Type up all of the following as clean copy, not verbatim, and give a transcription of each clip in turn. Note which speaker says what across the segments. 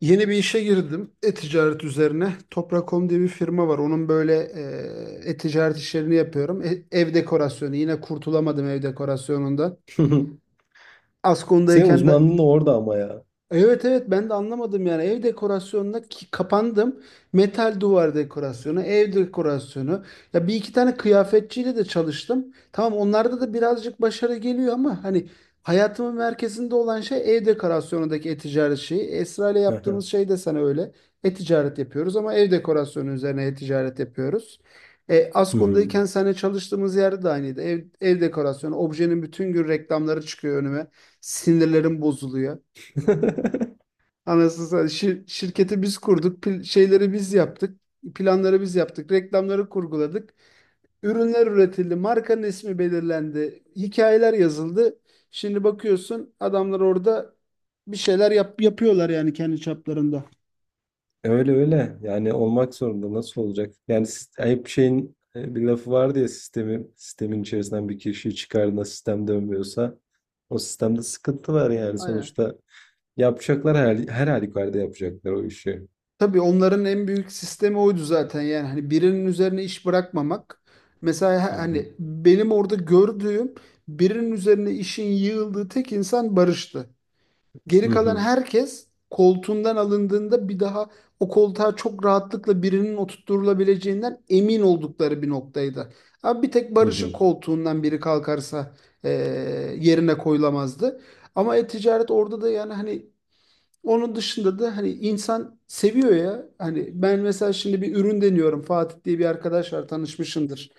Speaker 1: Yeni bir işe girdim. E-ticaret üzerine. Toprak.com diye bir firma var. Onun böyle e-ticaret işlerini yapıyorum. Ev dekorasyonu. Yine kurtulamadım ev dekorasyonundan.
Speaker 2: Hı hı. Senin
Speaker 1: Askon'dayken de.
Speaker 2: uzmanlığın da orada ama ya.
Speaker 1: Evet, evet, ben de anlamadım yani ev dekorasyonuna ki kapandım. Metal duvar dekorasyonu, ev dekorasyonu. Ya, bir iki tane kıyafetçiyle de çalıştım. Tamam, onlarda da birazcık başarı geliyor ama hani hayatımın merkezinde olan şey ev dekorasyonundaki e-ticaret şeyi. Esra ile
Speaker 2: Hı hı.
Speaker 1: yaptığımız şey de sana öyle. E-ticaret yapıyoruz ama ev dekorasyonu üzerine e-ticaret yapıyoruz.
Speaker 2: Hı hı.
Speaker 1: Askon'dayken seninle çalıştığımız yerde de aynıydı. Ev dekorasyonu, objenin bütün gün reklamları çıkıyor önüme. Sinirlerim bozuluyor. Anasını satayım. Şirketi biz kurduk, şeyleri biz yaptık, planları biz yaptık, reklamları kurguladık, ürünler üretildi, markanın ismi belirlendi, hikayeler yazıldı. Şimdi bakıyorsun adamlar orada bir şeyler yapıyorlar yani kendi çaplarında.
Speaker 2: Öyle öyle. Yani olmak zorunda. Nasıl olacak? Yani ayıp şeyin bir lafı vardı ya sistemin içerisinden bir kişiyi çıkardığında sistem dönmüyorsa o sistemde sıkıntı var yani
Speaker 1: Aynen.
Speaker 2: sonuçta. Yapacaklar her halükarda yapacaklar o işi.
Speaker 1: Tabii, onların en büyük sistemi oydu zaten yani hani birinin üzerine iş bırakmamak. Mesela
Speaker 2: Hı hı.
Speaker 1: hani benim orada gördüğüm birinin üzerine işin yığıldığı tek insan Barış'tı. Geri
Speaker 2: Hı
Speaker 1: kalan
Speaker 2: hı.
Speaker 1: herkes koltuğundan alındığında bir daha o koltuğa çok rahatlıkla birinin oturtulabileceğinden emin oldukları bir noktaydı. Abi bir tek
Speaker 2: Hı
Speaker 1: Barış'ın
Speaker 2: hı.
Speaker 1: koltuğundan biri kalkarsa eee, yerine koyulamazdı. Ama e-ticaret orada da yani hani onun dışında da hani insan seviyor ya. Hani ben mesela şimdi bir ürün deniyorum. Fatih diye bir arkadaş var, tanışmışındır.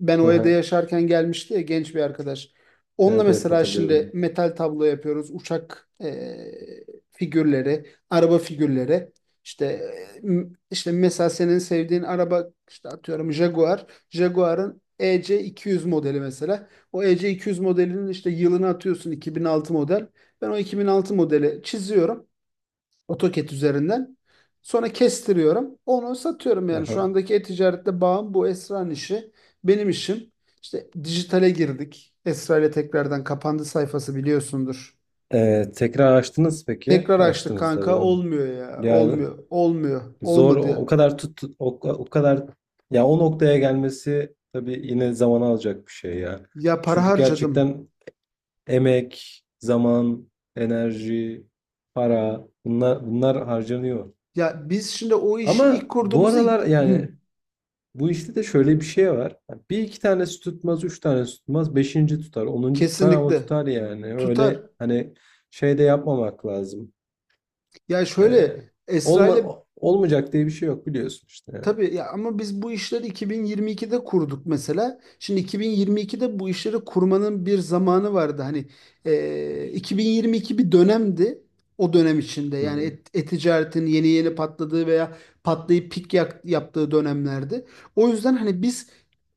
Speaker 1: Ben o evde
Speaker 2: Aha.
Speaker 1: yaşarken gelmişti ya, genç bir arkadaş. Onunla
Speaker 2: Evet, evet,
Speaker 1: mesela şimdi
Speaker 2: hatırlıyorum.
Speaker 1: metal tablo yapıyoruz. Uçak figürleri, araba figürleri. İşte işte mesela senin sevdiğin araba işte atıyorum Jaguar. Jaguar'ın EC200 modeli mesela. O EC200 modelinin işte yılını atıyorsun 2006 model. Ben o 2006 modeli çiziyorum. AutoCAD üzerinden. Sonra kestiriyorum. Onu satıyorum yani şu
Speaker 2: Aha.
Speaker 1: andaki e-ticarette bağım bu Esra'nın işi. Benim işim. İşte dijitale girdik. Esra ile tekrardan kapandı sayfası, biliyorsundur.
Speaker 2: Tekrar açtınız peki?
Speaker 1: Tekrar açtık
Speaker 2: Açtınız
Speaker 1: kanka,
Speaker 2: tabii.
Speaker 1: olmuyor ya.
Speaker 2: Ya,
Speaker 1: Olmuyor. Olmuyor.
Speaker 2: zor o
Speaker 1: Olmadı.
Speaker 2: kadar tut, tut- o, o kadar ya o noktaya gelmesi tabii yine zaman alacak bir şey ya.
Speaker 1: Ya, para
Speaker 2: Çünkü
Speaker 1: harcadım.
Speaker 2: gerçekten emek, zaman, enerji, para bunlar harcanıyor.
Speaker 1: Ya biz şimdi o işi ilk
Speaker 2: Ama bu
Speaker 1: kurduğumuzda.
Speaker 2: aralar
Speaker 1: Hı,
Speaker 2: yani bu işte de şöyle bir şey var. Bir iki tanesi tutmaz, üç tanesi tutmaz, beşinci tutar, onuncu tutar ama
Speaker 1: kesinlikle
Speaker 2: tutar yani.
Speaker 1: tutar.
Speaker 2: Öyle hani şey de yapmamak lazım.
Speaker 1: Ya
Speaker 2: Ee,
Speaker 1: şöyle, Esra ile.
Speaker 2: Olmayacak diye bir şey yok, biliyorsun işte yani.
Speaker 1: Tabii ya, ama biz bu işleri 2022'de kurduk mesela. Şimdi 2022'de bu işleri kurmanın bir zamanı vardı. Hani 2022 bir dönemdi. O dönem içinde
Speaker 2: Hı
Speaker 1: yani
Speaker 2: hı.
Speaker 1: e-ticaretin yeni yeni patladığı veya patlayıp pik yaptığı dönemlerdi. O yüzden hani biz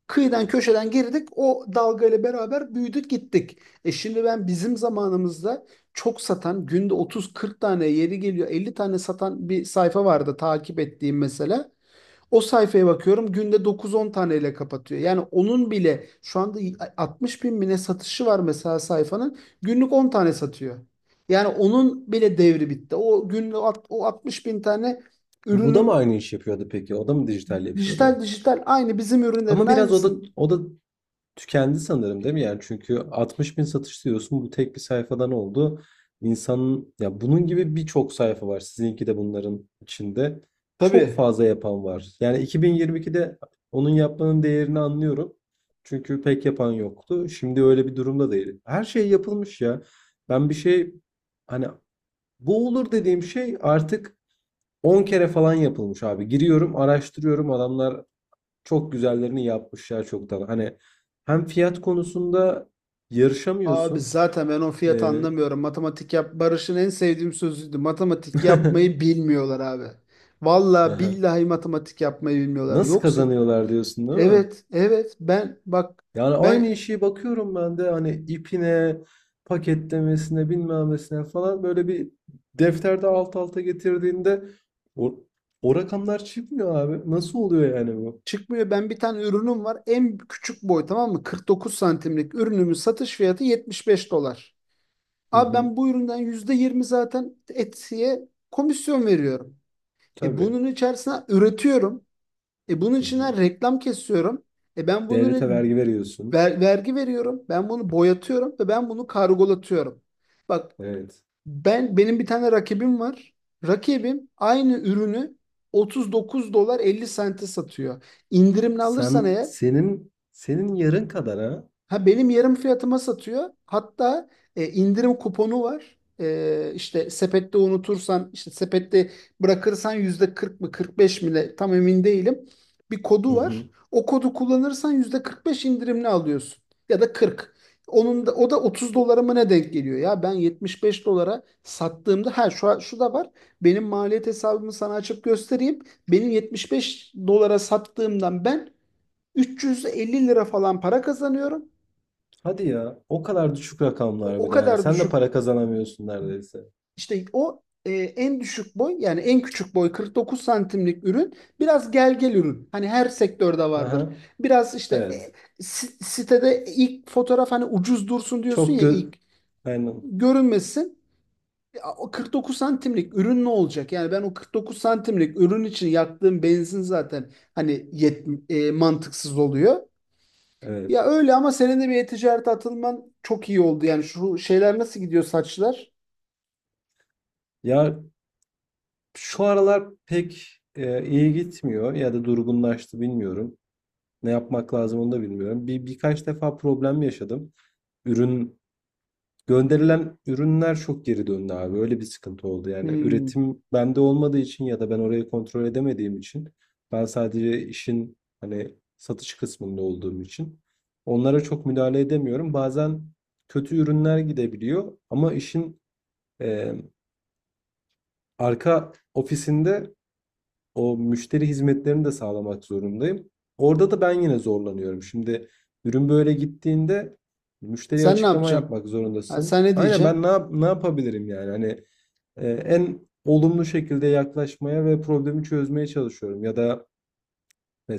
Speaker 1: kıyıdan köşeden girdik. O dalgayla beraber büyüdük gittik. Şimdi ben bizim zamanımızda çok satan, günde 30-40 tane, yeri geliyor 50 tane satan bir sayfa vardı takip ettiğim mesela. O sayfaya bakıyorum günde 9-10 taneyle kapatıyor. Yani onun bile şu anda 60 bin bine satışı var mesela sayfanın. Günlük 10 tane satıyor. Yani onun bile devri bitti. O günlük o 60 bin tane
Speaker 2: Bu da mı
Speaker 1: ürünün
Speaker 2: aynı iş yapıyordu peki? O da mı dijital
Speaker 1: dijital
Speaker 2: yapıyordu?
Speaker 1: dijital aynı bizim ürünlerin
Speaker 2: Ama biraz o da
Speaker 1: aynısın.
Speaker 2: o da tükendi sanırım, değil mi? Yani çünkü 60 bin satış diyorsun, bu tek bir sayfadan oldu. İnsanın ya bunun gibi birçok sayfa var. Sizinki de bunların içinde. Çok
Speaker 1: Tabii.
Speaker 2: fazla yapan var. Yani 2022'de onun yapmanın değerini anlıyorum. Çünkü pek yapan yoktu. Şimdi öyle bir durumda değil. Her şey yapılmış ya. Ben bir şey Hani, bu olur dediğim şey artık 10 kere falan yapılmış abi. Giriyorum, araştırıyorum. Adamlar çok güzellerini yapmışlar çoktan. Hani hem fiyat konusunda
Speaker 1: Abi
Speaker 2: yarışamıyorsun.
Speaker 1: zaten ben o fiyatı
Speaker 2: Ee,
Speaker 1: anlamıyorum. Matematik yap, Barış'ın en sevdiğim sözüydü. Matematik yapmayı bilmiyorlar abi. Vallahi
Speaker 2: aha.
Speaker 1: billahi matematik yapmayı bilmiyorlar.
Speaker 2: Nasıl
Speaker 1: Yoksa.
Speaker 2: kazanıyorlar diyorsun, değil mi?
Speaker 1: Evet, evet. Ben bak,
Speaker 2: Yani aynı
Speaker 1: ben
Speaker 2: işi bakıyorum ben de, hani ipine, paketlemesine, bilmemesine falan, böyle bir defterde alt alta getirdiğinde o, o rakamlar çıkmıyor abi. Nasıl oluyor yani bu?
Speaker 1: çıkmıyor. Ben bir tane ürünüm var. En küçük boy, tamam mı? 49 santimlik ürünümün satış fiyatı 75 dolar.
Speaker 2: Hı
Speaker 1: Abi
Speaker 2: hı.
Speaker 1: ben bu üründen %20 zaten Etsy'ye komisyon veriyorum. E
Speaker 2: Tabii.
Speaker 1: bunun içerisine üretiyorum. Bunun
Speaker 2: Hı
Speaker 1: içine
Speaker 2: hı.
Speaker 1: reklam kesiyorum. Ben
Speaker 2: Devlete
Speaker 1: bunun
Speaker 2: vergi veriyorsun.
Speaker 1: vergi veriyorum. Ben bunu boyatıyorum ve ben bunu kargolatıyorum. Bak.
Speaker 2: Evet.
Speaker 1: Benim bir tane rakibim var. Rakibim aynı ürünü 39 dolar 50 sente satıyor. İndirimli alırsan
Speaker 2: Sen
Speaker 1: eğer.
Speaker 2: senin yarın kadar ha.
Speaker 1: Ha, benim yarım fiyatıma satıyor. Hatta indirim kuponu var. E, işte sepette unutursan, işte sepette bırakırsan yüzde 40 mı 45 mi ne, tam emin değilim. Bir
Speaker 2: Hı
Speaker 1: kodu var.
Speaker 2: hı.
Speaker 1: O kodu kullanırsan yüzde 45 indirimli alıyorsun. Ya da 40. Onun da o da 30 dolara mı ne denk geliyor ya? Ben 75 dolara sattığımda, ha, şu şu da var. Benim maliyet hesabımı sana açıp göstereyim. Benim 75 dolara sattığımdan ben 350 lira falan para kazanıyorum.
Speaker 2: Hadi ya. O kadar düşük
Speaker 1: O,
Speaker 2: rakamlar
Speaker 1: o
Speaker 2: bir de.
Speaker 1: kadar
Speaker 2: Sen de
Speaker 1: düşük,
Speaker 2: para kazanamıyorsun neredeyse.
Speaker 1: işte en düşük boy yani en küçük boy 49 santimlik ürün biraz gel gel ürün. Hani her sektörde vardır.
Speaker 2: Aha.
Speaker 1: Biraz işte
Speaker 2: Evet.
Speaker 1: sitede ilk fotoğraf hani ucuz dursun diyorsun
Speaker 2: Çok
Speaker 1: ya
Speaker 2: gö
Speaker 1: ilk
Speaker 2: Aynen.
Speaker 1: görünmesin. Ya, o 49 santimlik ürün ne olacak? Yani ben o 49 santimlik ürün için yaktığım benzin zaten hani mantıksız oluyor.
Speaker 2: Evet.
Speaker 1: Ya, öyle ama senin de bir e-ticarete atılman çok iyi oldu. Yani şu şeyler nasıl gidiyor, saçlar?
Speaker 2: Ya, şu aralar pek iyi gitmiyor ya da durgunlaştı, bilmiyorum. Ne yapmak lazım onu da bilmiyorum. Birkaç defa problem yaşadım. Ürün Gönderilen ürünler çok geri döndü abi. Öyle bir sıkıntı oldu. Yani
Speaker 1: Hmm.
Speaker 2: üretim bende olmadığı için ya da ben orayı kontrol edemediğim için, ben sadece işin hani satış kısmında olduğum için onlara çok müdahale edemiyorum. Bazen kötü ürünler gidebiliyor ama işin e, arka ofisinde o müşteri hizmetlerini de sağlamak zorundayım. Orada da ben yine zorlanıyorum. Şimdi ürün böyle gittiğinde müşteriye
Speaker 1: Sen ne
Speaker 2: açıklama
Speaker 1: yapacaksın?
Speaker 2: yapmak
Speaker 1: Ha, sen
Speaker 2: zorundasın.
Speaker 1: ne
Speaker 2: Aynen, ben
Speaker 1: diyeceksin?
Speaker 2: ne yapabilirim yani? Hani en olumlu şekilde yaklaşmaya ve problemi çözmeye çalışıyorum. Ya da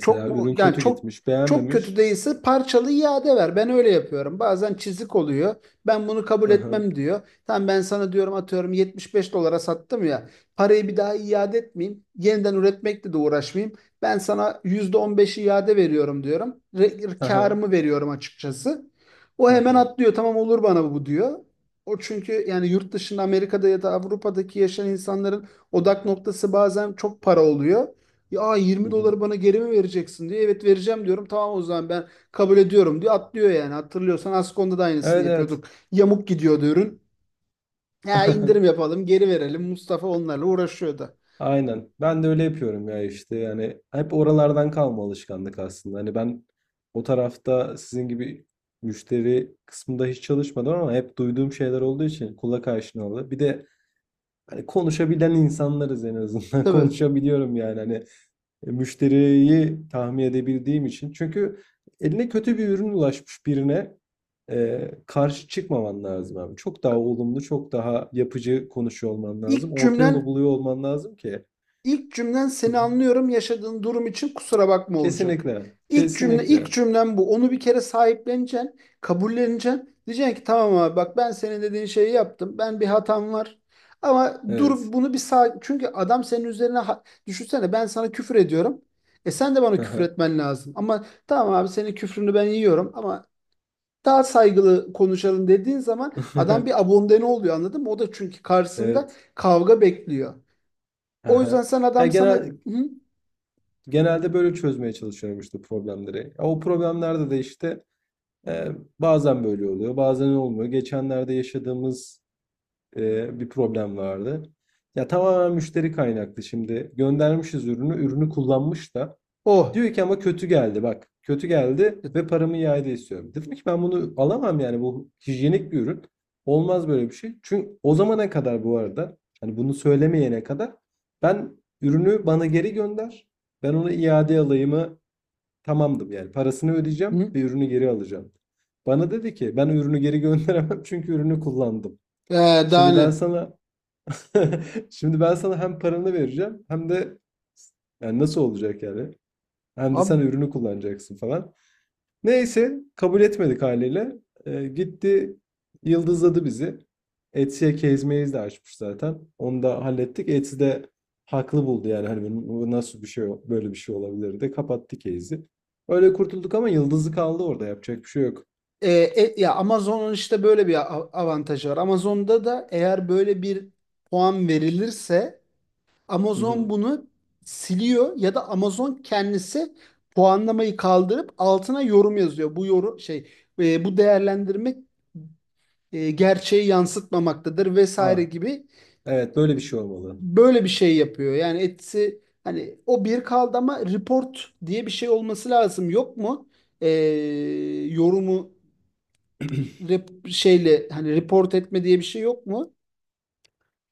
Speaker 1: Çok mu,
Speaker 2: ürün
Speaker 1: yani
Speaker 2: kötü
Speaker 1: çok
Speaker 2: gitmiş,
Speaker 1: çok kötü
Speaker 2: beğenmemiş.
Speaker 1: değilse parçalı iade ver. Ben öyle yapıyorum. Bazen çizik oluyor. Ben bunu kabul
Speaker 2: Aha,
Speaker 1: etmem diyor. Tamam, ben sana diyorum, atıyorum 75 dolara sattım ya. Parayı bir daha iade etmeyeyim. Yeniden üretmekle de uğraşmayayım. Ben sana %15 iade veriyorum diyorum.
Speaker 2: aha,
Speaker 1: Karımı veriyorum açıkçası. O hemen
Speaker 2: aha.
Speaker 1: atlıyor. Tamam olur bana bu diyor. O çünkü yani yurt dışında Amerika'da ya da Avrupa'daki yaşayan insanların odak noktası bazen çok para oluyor. Ya
Speaker 2: Hı
Speaker 1: 20
Speaker 2: hı.
Speaker 1: doları bana geri mi vereceksin diye. Evet, vereceğim diyorum. Tamam, o zaman ben kabul ediyorum diyor. Atlıyor yani. Hatırlıyorsan Askon'da da aynısını
Speaker 2: Evet, evet.
Speaker 1: yapıyorduk. Yamuk gidiyordu ürün. Ya indirim yapalım, geri verelim. Mustafa onlarla uğraşıyordu.
Speaker 2: Aynen. Ben de öyle yapıyorum ya işte. Yani hep oralardan kalma alışkanlık aslında. Hani ben o tarafta sizin gibi müşteri kısmında hiç çalışmadım ama hep duyduğum şeyler olduğu için kulak aşinalı. Bir de hani konuşabilen insanlarız en azından.
Speaker 1: Tabii.
Speaker 2: Konuşabiliyorum yani, hani müşteriyi tahmin edebildiğim için. Çünkü eline kötü bir ürün ulaşmış birine karşı çıkmaman lazım abi. Çok daha olumlu, çok daha yapıcı konuşuyor olman lazım.
Speaker 1: İlk
Speaker 2: Orta yolu
Speaker 1: cümlen
Speaker 2: buluyor olman lazım ki.
Speaker 1: İlk cümlen
Speaker 2: Hı
Speaker 1: seni
Speaker 2: hı.
Speaker 1: anlıyorum, yaşadığın durum için kusura bakma olacak.
Speaker 2: Kesinlikle,
Speaker 1: İlk cümle ilk
Speaker 2: kesinlikle.
Speaker 1: cümlem bu. Onu bir kere sahipleneceksin, kabulleneceksin. Diyeceksin ki tamam abi bak, ben senin dediğin şeyi yaptım. Ben bir hatam var. Ama dur,
Speaker 2: Evet.
Speaker 1: bunu bir sağ çünkü adam senin üzerine düşünsene, ben sana küfür ediyorum. Sen de bana küfür
Speaker 2: Hı.
Speaker 1: etmen lazım. Ama tamam abi, senin küfrünü ben yiyorum ama daha saygılı konuşalım dediğin zaman adam bir abondene oluyor, anladın mı? O da çünkü karşısında
Speaker 2: Evet.
Speaker 1: kavga bekliyor. O yüzden
Speaker 2: Hı.
Speaker 1: sen
Speaker 2: Ya,
Speaker 1: adam sana. Hı?
Speaker 2: genelde böyle çözmeye çalışıyorum işte problemleri. Ya, o problemlerde de işte, bazen böyle oluyor, bazen olmuyor. Geçenlerde yaşadığımız, bir problem vardı. Ya, tamamen müşteri kaynaklı şimdi. Göndermişiz ürünü, ürünü kullanmış da
Speaker 1: Oh.
Speaker 2: diyor ki ama kötü geldi bak. Kötü geldi ve paramı iade istiyorum. Dedim ki ben bunu alamam yani, bu hijyenik bir ürün. Olmaz böyle bir şey. Çünkü o zamana kadar, bu arada hani bunu söylemeyene kadar, ben ürünü bana geri gönder. Ben onu iade alayımı tamamdım yani, parasını ödeyeceğim
Speaker 1: Hı?
Speaker 2: ve ürünü geri alacağım. Bana dedi ki ben ürünü geri gönderemem çünkü ürünü kullandım.
Speaker 1: Ee, daha
Speaker 2: Şimdi ben
Speaker 1: ne?
Speaker 2: sana şimdi ben sana hem paranı vereceğim hem de yani nasıl olacak yani? Hem de sen
Speaker 1: Abi,
Speaker 2: ürünü kullanacaksın falan. Neyse kabul etmedik haliyle. Gitti, yıldızladı bizi. Etsy'e kezmeyiz de açmış zaten. Onu da hallettik. Etsy de haklı buldu yani, hani bu nasıl bir şey, böyle bir şey olabilir de kapattı case'i. Öyle kurtulduk ama yıldızı kaldı orada, yapacak bir şey yok.
Speaker 1: ya Amazon'un işte böyle bir avantajı var. Amazon'da da eğer böyle bir puan verilirse
Speaker 2: Hı hı.
Speaker 1: Amazon bunu siliyor ya da Amazon kendisi puanlamayı kaldırıp altına yorum yazıyor. Bu yorum şey, bu değerlendirme, gerçeği yansıtmamaktadır vesaire
Speaker 2: Ah,
Speaker 1: gibi
Speaker 2: evet, böyle bir şey olmalı.
Speaker 1: böyle bir şey yapıyor. Yani etsi hani o bir kaldı ama report diye bir şey olması lazım. Yok mu? Ee, yorumu şeyle, hani report etme diye bir şey yok mu?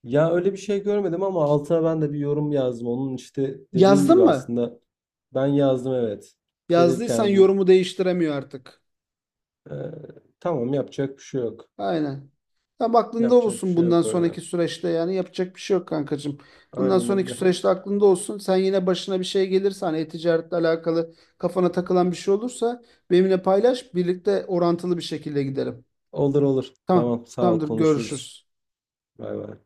Speaker 2: Ya öyle bir şey görmedim ama altına ben de bir yorum yazdım. Onun işte dediğin
Speaker 1: Yazdın
Speaker 2: gibi
Speaker 1: mı?
Speaker 2: aslında ben yazdım, evet. Dedim ki
Speaker 1: Yazdıysan
Speaker 2: yani bu
Speaker 1: yorumu değiştiremiyor artık.
Speaker 2: Ee, tamam, yapacak bir şey yok.
Speaker 1: Aynen. Tam aklında
Speaker 2: Yapacak bir
Speaker 1: olsun,
Speaker 2: şey
Speaker 1: bundan
Speaker 2: yok
Speaker 1: sonraki
Speaker 2: orada.
Speaker 1: süreçte yani yapacak bir şey yok, kankacığım. Bundan
Speaker 2: Aynen
Speaker 1: sonraki
Speaker 2: öyle.
Speaker 1: süreçte aklında olsun. Sen yine başına bir şey gelirse, hani e-ticaretle alakalı kafana takılan bir şey olursa benimle paylaş. Birlikte orantılı bir şekilde gidelim.
Speaker 2: Olur, olur.
Speaker 1: Tamam.
Speaker 2: Tamam, sağ ol,
Speaker 1: Tamamdır.
Speaker 2: konuşuruz.
Speaker 1: Görüşürüz.
Speaker 2: Bay bay.